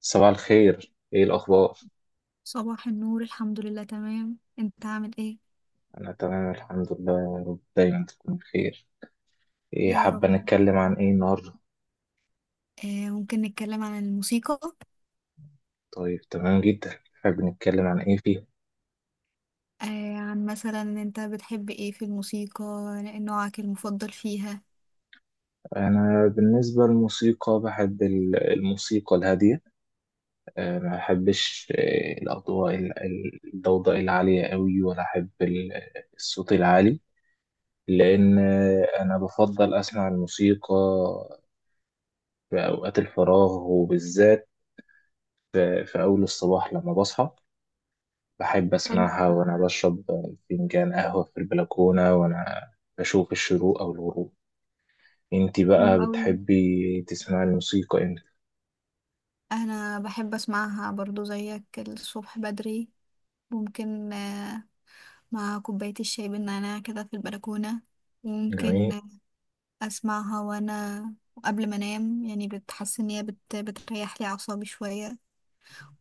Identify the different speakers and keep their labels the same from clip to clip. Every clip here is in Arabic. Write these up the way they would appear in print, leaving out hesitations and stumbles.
Speaker 1: صباح الخير، ايه الاخبار؟
Speaker 2: صباح النور، الحمد لله تمام. انت عامل ايه؟
Speaker 1: انا تمام الحمد لله، يا رب دايما تكون بخير. ايه،
Speaker 2: يا رب.
Speaker 1: حابه نتكلم عن ايه النهارده؟
Speaker 2: ممكن نتكلم عن الموسيقى.
Speaker 1: طيب، تمام جدا، حابب نتكلم عن ايه فيه؟
Speaker 2: آه، عن مثلا انت بتحب ايه في الموسيقى؟ نوعك المفضل فيها؟
Speaker 1: انا بالنسبه للموسيقى بحب الموسيقى الهاديه. ما بحبش، الاضواء، الضوضاء العاليه قوي، ولا احب الصوت العالي. لان انا بفضل اسمع الموسيقى في اوقات الفراغ، وبالذات في اول الصباح لما بصحى. بحب
Speaker 2: حلو.
Speaker 1: أسمعها وأنا بشرب فنجان قهوة في البلكونة، وأنا بشوف الشروق أو الغروب. أنتي
Speaker 2: حلو
Speaker 1: بقى
Speaker 2: قوي.
Speaker 1: بتحبي تسمعي الموسيقى إمتى؟
Speaker 2: انا بحب اسمعها برضو زيك الصبح بدري، ممكن آه، مع كوباية الشاي بالنعناع كده في البلكونة.
Speaker 1: جميل.
Speaker 2: ممكن اسمعها وانا قبل ما انام، يعني بتحس ان هي بتريح لي اعصابي شوية،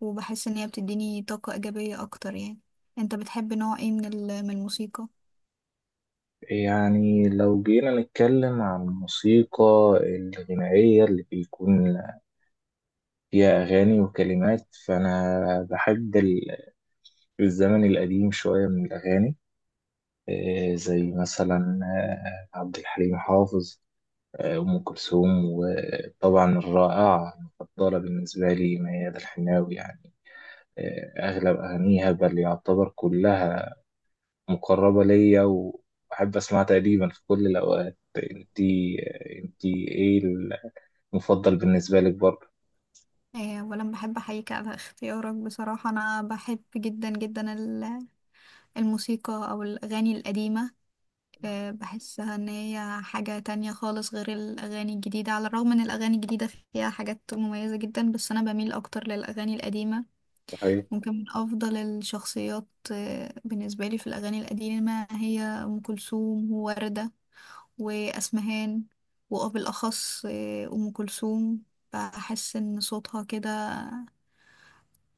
Speaker 2: وبحس ان هي بتديني طاقة ايجابية اكتر يعني. انت بتحب نوع ايه من من الموسيقى؟
Speaker 1: يعني لو جينا نتكلم عن الموسيقى الغنائية اللي بيكون فيها أغاني وكلمات، فأنا بحب الزمن القديم شوية من الأغاني. إيه زي مثلا عبد الحليم حافظ، أم كلثوم، وطبعا الرائعة المفضلة بالنسبة لي ميادة الحناوي يعني. أغلب أغانيها بل يعتبر كلها مقربة ليا، وأحب أسمعها تقريبا في كل الأوقات. أنتي إيه المفضل بالنسبة لك برضه؟
Speaker 2: آه، ولا بحب احييك على اختيارك. بصراحة انا بحب جدا جدا الموسيقى او الاغاني القديمة. آه، بحسها ان هي حاجة تانية خالص غير الاغاني الجديدة، على الرغم ان الاغاني الجديدة فيها حاجات مميزة جدا، بس انا بميل اكتر للاغاني القديمة.
Speaker 1: صحيح.
Speaker 2: ممكن من افضل الشخصيات آه، بالنسبة لي في الاغاني القديمة هي ام كلثوم، ووردة، وأسمهان، وبالأخص آه، أم كلثوم. بحس إن صوتها كده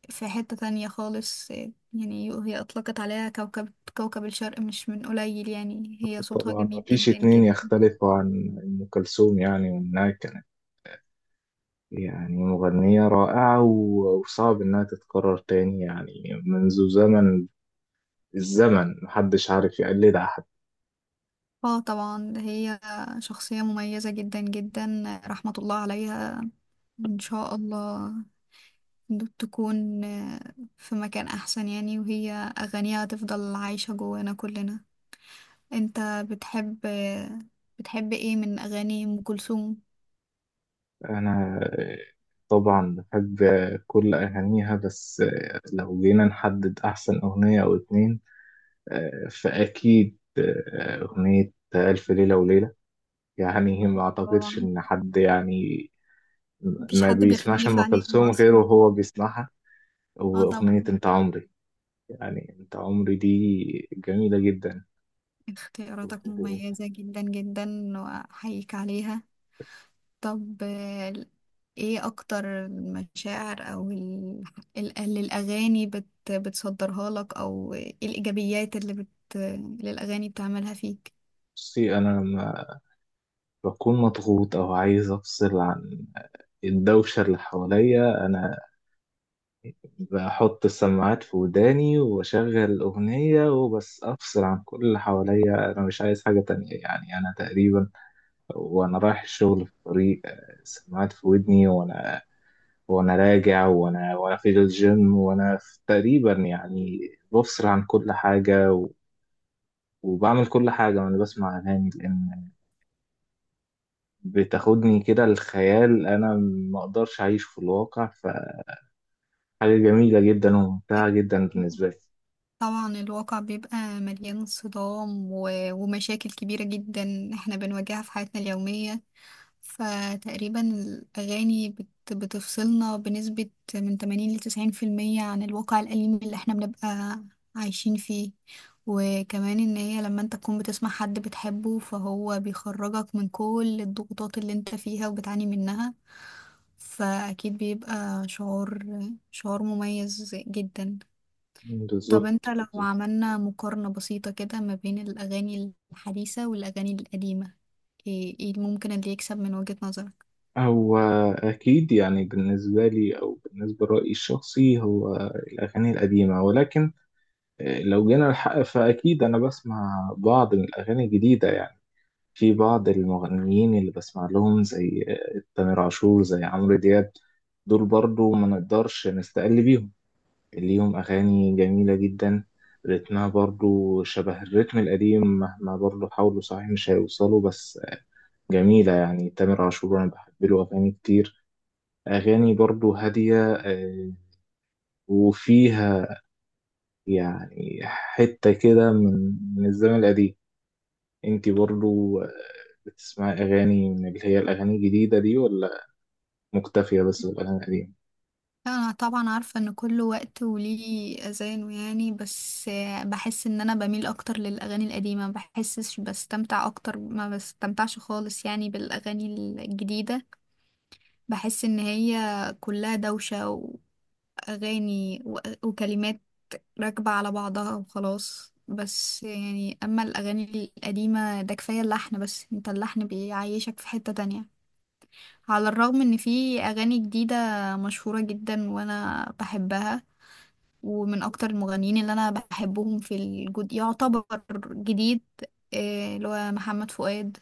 Speaker 2: في حتة تانية خالص. آه، يعني هي أطلقت عليها كوكب، كوكب الشرق مش من قليل. يعني هي صوتها
Speaker 1: طبعا
Speaker 2: جميل
Speaker 1: مفيش
Speaker 2: جدا
Speaker 1: اتنين
Speaker 2: جدا.
Speaker 1: يختلفوا عن أم كلثوم، يعني وإنها كانت يعني مغنية رائعة وصعب إنها تتكرر تاني يعني. منذ زمن، الزمن محدش عارف يقلدها حتى.
Speaker 2: اه طبعا، هي شخصية مميزة جدا جدا، رحمة الله عليها، وإن شاء الله تكون آه، في مكان أحسن يعني، وهي أغانيها تفضل عايشة جوانا كلنا. انت بتحب بتحب ايه من اغاني ام كلثوم؟
Speaker 1: أنا طبعا بحب كل أغانيها، بس لو جينا نحدد أحسن أغنية أو اتنين، فأكيد أغنية ألف ليلة وليلة. يعني ما أعتقدش
Speaker 2: طبعا
Speaker 1: إن حد يعني
Speaker 2: مفيش
Speaker 1: ما
Speaker 2: حد
Speaker 1: بيسمعش
Speaker 2: بيختلف
Speaker 1: أم
Speaker 2: عليها
Speaker 1: كلثوم غيره
Speaker 2: اصلا.
Speaker 1: وهو بيسمعها.
Speaker 2: اه
Speaker 1: وأغنية
Speaker 2: طبعا.
Speaker 1: أنت عمري، يعني أنت عمري دي جميلة جدا.
Speaker 2: اختياراتك مميزة جدا جدا، واحييك عليها. طب آه، ايه اكتر المشاعر او اللي الاغاني بتصدرها لك؟ او ايه الايجابيات اللي اللي الاغاني بتعملها فيك؟
Speaker 1: بصي، أنا لما بكون مضغوط أو عايز أفصل عن الدوشة اللي حواليا، أنا بحط السماعات في وداني وأشغل أغنية، وبس أفصل عن كل اللي حواليا، أنا مش عايز حاجة تانية يعني. أنا تقريبا وأنا رايح الشغل في الطريق، السماعات في ودني، وأنا راجع، وأنا في الجيم، وأنا في تقريبا يعني بفصل عن كل حاجة وبعمل كل حاجة وأنا بسمع أغاني، لأن بتاخدني كده الخيال. أنا مقدرش أعيش في الواقع، فحاجة جميلة جدا وممتعة جدا بالنسبة لي.
Speaker 2: طبعا الواقع بيبقى مليان صدام ومشاكل كبيرة جدا احنا بنواجهها في حياتنا اليومية. فتقريبا الأغاني بتفصلنا بنسبة من 80 لتسعين في المية عن الواقع الأليم اللي احنا بنبقى عايشين فيه. وكمان ان هي لما انت تكون بتسمع حد بتحبه فهو بيخرجك من كل الضغوطات اللي انت فيها وبتعاني منها. فأكيد بيبقى شعور مميز جدا. طب انت
Speaker 1: بالظبط
Speaker 2: لو
Speaker 1: بالظبط.
Speaker 2: عملنا مقارنة بسيطة كده ما بين الأغاني الحديثة والأغاني القديمة، ايه ممكن اللي يكسب من وجهة نظرك؟
Speaker 1: هو أكيد يعني بالنسبة لي أو بالنسبة لرأيي الشخصي هو الأغاني القديمة، ولكن لو جينا الحق فأكيد أنا بسمع بعض من الأغاني الجديدة يعني. في بعض المغنيين اللي بسمع لهم، زي تامر عاشور، زي عمرو دياب، دول برضو ما نقدرش نستقل بيهم. ليهم أغاني جميلة جدا، رتمها برضو شبه الرتم القديم، مهما برضو حاولوا صحيح مش هيوصلوا، بس جميلة يعني. تامر عاشور أنا بحب له أغاني كتير، أغاني برضو هادية، وفيها يعني حتة كده من الزمن القديم. انتي برضو بتسمعي أغاني من اللي هي الأغاني الجديدة دي، ولا مكتفية بس بالأغاني القديمة؟
Speaker 2: انا طبعا عارفة ان كل وقت وليه اذانه يعني، بس آه، بحس ان انا بميل اكتر للأغاني القديمة. ما بحسش بستمتع اكتر، ما بستمتعش خالص يعني بالأغاني الجديدة. بحس ان هي كلها دوشة، وأغاني وكلمات راكبة على بعضها وخلاص بس يعني. أما الأغاني القديمة ده كفاية اللحن بس، انت اللحن بيعيشك في حتة تانية. على الرغم ان في أغاني جديدة مشهورة جدا وانا بحبها، ومن اكتر المغنيين اللي انا بحبهم في الجد يعتبر جديد آه، اللي هو محمد فؤاد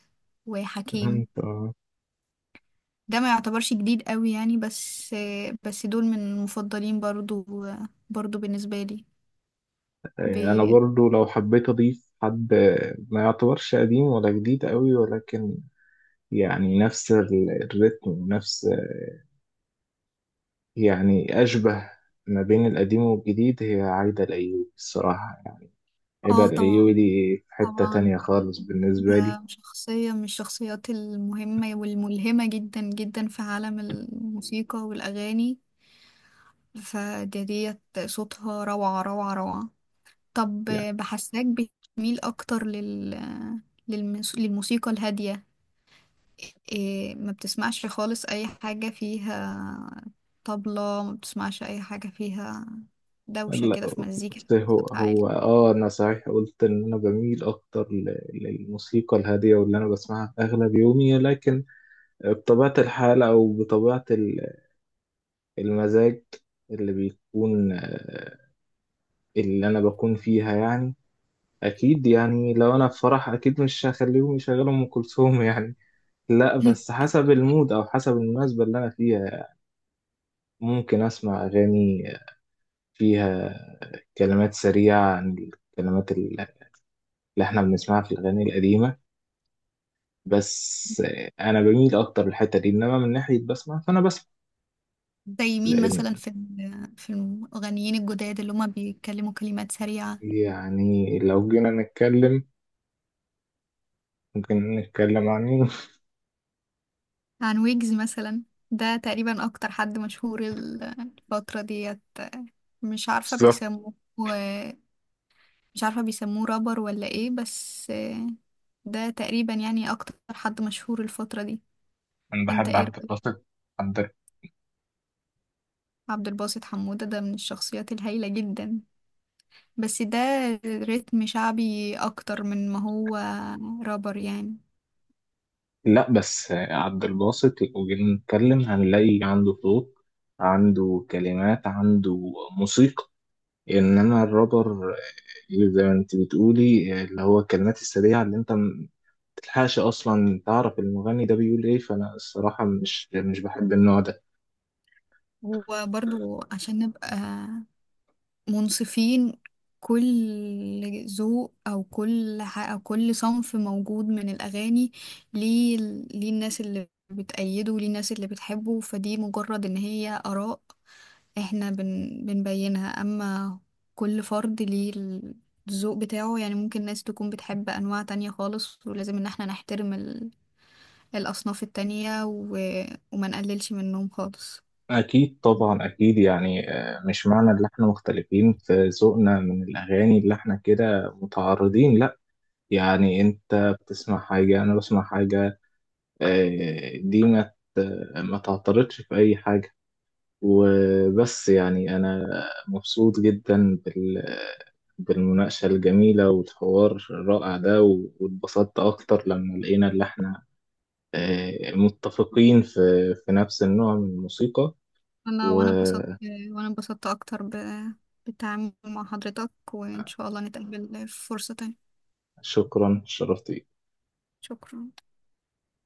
Speaker 2: وحكيم.
Speaker 1: انت-
Speaker 2: ده ما يعتبرش جديد قوي يعني، بس آه، بس دول من المفضلين برضو برضو بالنسبة لي.
Speaker 1: أنا
Speaker 2: بي...
Speaker 1: برضو لو حبيت أضيف حد، ما يعتبرش قديم ولا جديد قوي، ولكن يعني نفس الريتم ونفس، يعني أشبه ما بين القديم والجديد، هي عايدة الأيوبي الصراحة. ايه ده،
Speaker 2: اه طبعا.
Speaker 1: الايوبي دي في حتة
Speaker 2: طبعا.
Speaker 1: تانية خالص بالنسبة لي
Speaker 2: ده شخصية من الشخصيات المهمة والملهمة جدا جدا في عالم الموسيقى والأغاني. فديت صوتها، روعة روعة. طب
Speaker 1: يعني.
Speaker 2: بحساك بتميل أكتر للموسيقى الهادية، إيه. ما بتسمعش خالص أي حاجة فيها طبلة، ما بتسمعش أي حاجة فيها دوشة
Speaker 1: لا،
Speaker 2: كده في مزيكا،
Speaker 1: بس هو
Speaker 2: صوتها
Speaker 1: هو
Speaker 2: عالي.
Speaker 1: انا صحيح قلت ان انا بميل اكتر للموسيقى الهادية واللي انا بسمعها في اغلب يومي، لكن بطبيعة الحال او بطبيعة المزاج اللي بيكون، اللي انا بكون فيها يعني، اكيد يعني لو انا في فرح اكيد مش هخليهم يشغلوا ام كلثوم يعني. لا، بس حسب المود او حسب المناسبة اللي انا فيها يعني. ممكن اسمع اغاني فيها كلمات سريعة عن الكلمات اللي احنا بنسمعها في الأغاني القديمة، بس أنا بميل أكتر للحتة دي، إنما من ناحية بسمع فأنا بسمع
Speaker 2: زي مين
Speaker 1: لأن،
Speaker 2: مثلا في في المغنيين الجداد اللي هما بيتكلموا كلمات سريعة؟
Speaker 1: يعني لو جينا نتكلم ممكن نتكلم عن مين.
Speaker 2: عن ويجز مثلا، ده تقريبا اكتر حد مشهور الفترة ديت. مش عارفة
Speaker 1: بالظبط.
Speaker 2: بيسموه، مش عارفة بيسموه رابر ولا ايه، بس ده تقريبا يعني اكتر حد مشهور الفترة دي.
Speaker 1: أنا
Speaker 2: انت
Speaker 1: بحب
Speaker 2: ايه
Speaker 1: عبد
Speaker 2: رأيك؟
Speaker 1: الباسط. عبد
Speaker 2: عبد الباسط حمودة ده من الشخصيات الهايلة جدا، بس ده رتم شعبي اكتر من ما هو رابر يعني.
Speaker 1: لا، بس عبد الباسط لو جينا نتكلم هنلاقي عنده صوت، عنده كلمات، عنده موسيقى. إنما الرابر زي ما أنت بتقولي اللي هو الكلمات السريعة اللي أنت تلحقش اصلا تعرف المغني ده بيقول ايه، فانا الصراحه مش بحب النوع ده.
Speaker 2: وبرضو عشان نبقى منصفين، كل ذوق او كل او كل صنف موجود من الاغاني ليه، ليه الناس اللي بتأيده وليه الناس اللي بتحبه. فدي مجرد ان هي اراء احنا بنبينها. اما كل فرد ليه الذوق بتاعه يعني، ممكن ناس تكون بتحب انواع تانية خالص، ولازم ان احنا نحترم الاصناف التانية، و... وما نقللش منهم خالص.
Speaker 1: اكيد طبعا اكيد يعني، مش معنى ان احنا مختلفين في ذوقنا من الاغاني اللي احنا كده متعارضين، لا. يعني انت بتسمع حاجه، انا بسمع حاجه، دي ما تعترضش في اي حاجه وبس يعني. انا مبسوط جدا بالمناقشه الجميله والحوار الرائع ده، واتبسطت اكتر لما لقينا اللي احنا متفقين في نفس النوع من الموسيقى.
Speaker 2: انا وانا اتبسطت، وانا اتبسطت اكتر ب... بالتعامل مع حضرتك، وان شاء الله نتقابل في فرصة تانية.
Speaker 1: وشكرا، شرفت بيك.
Speaker 2: شكرا.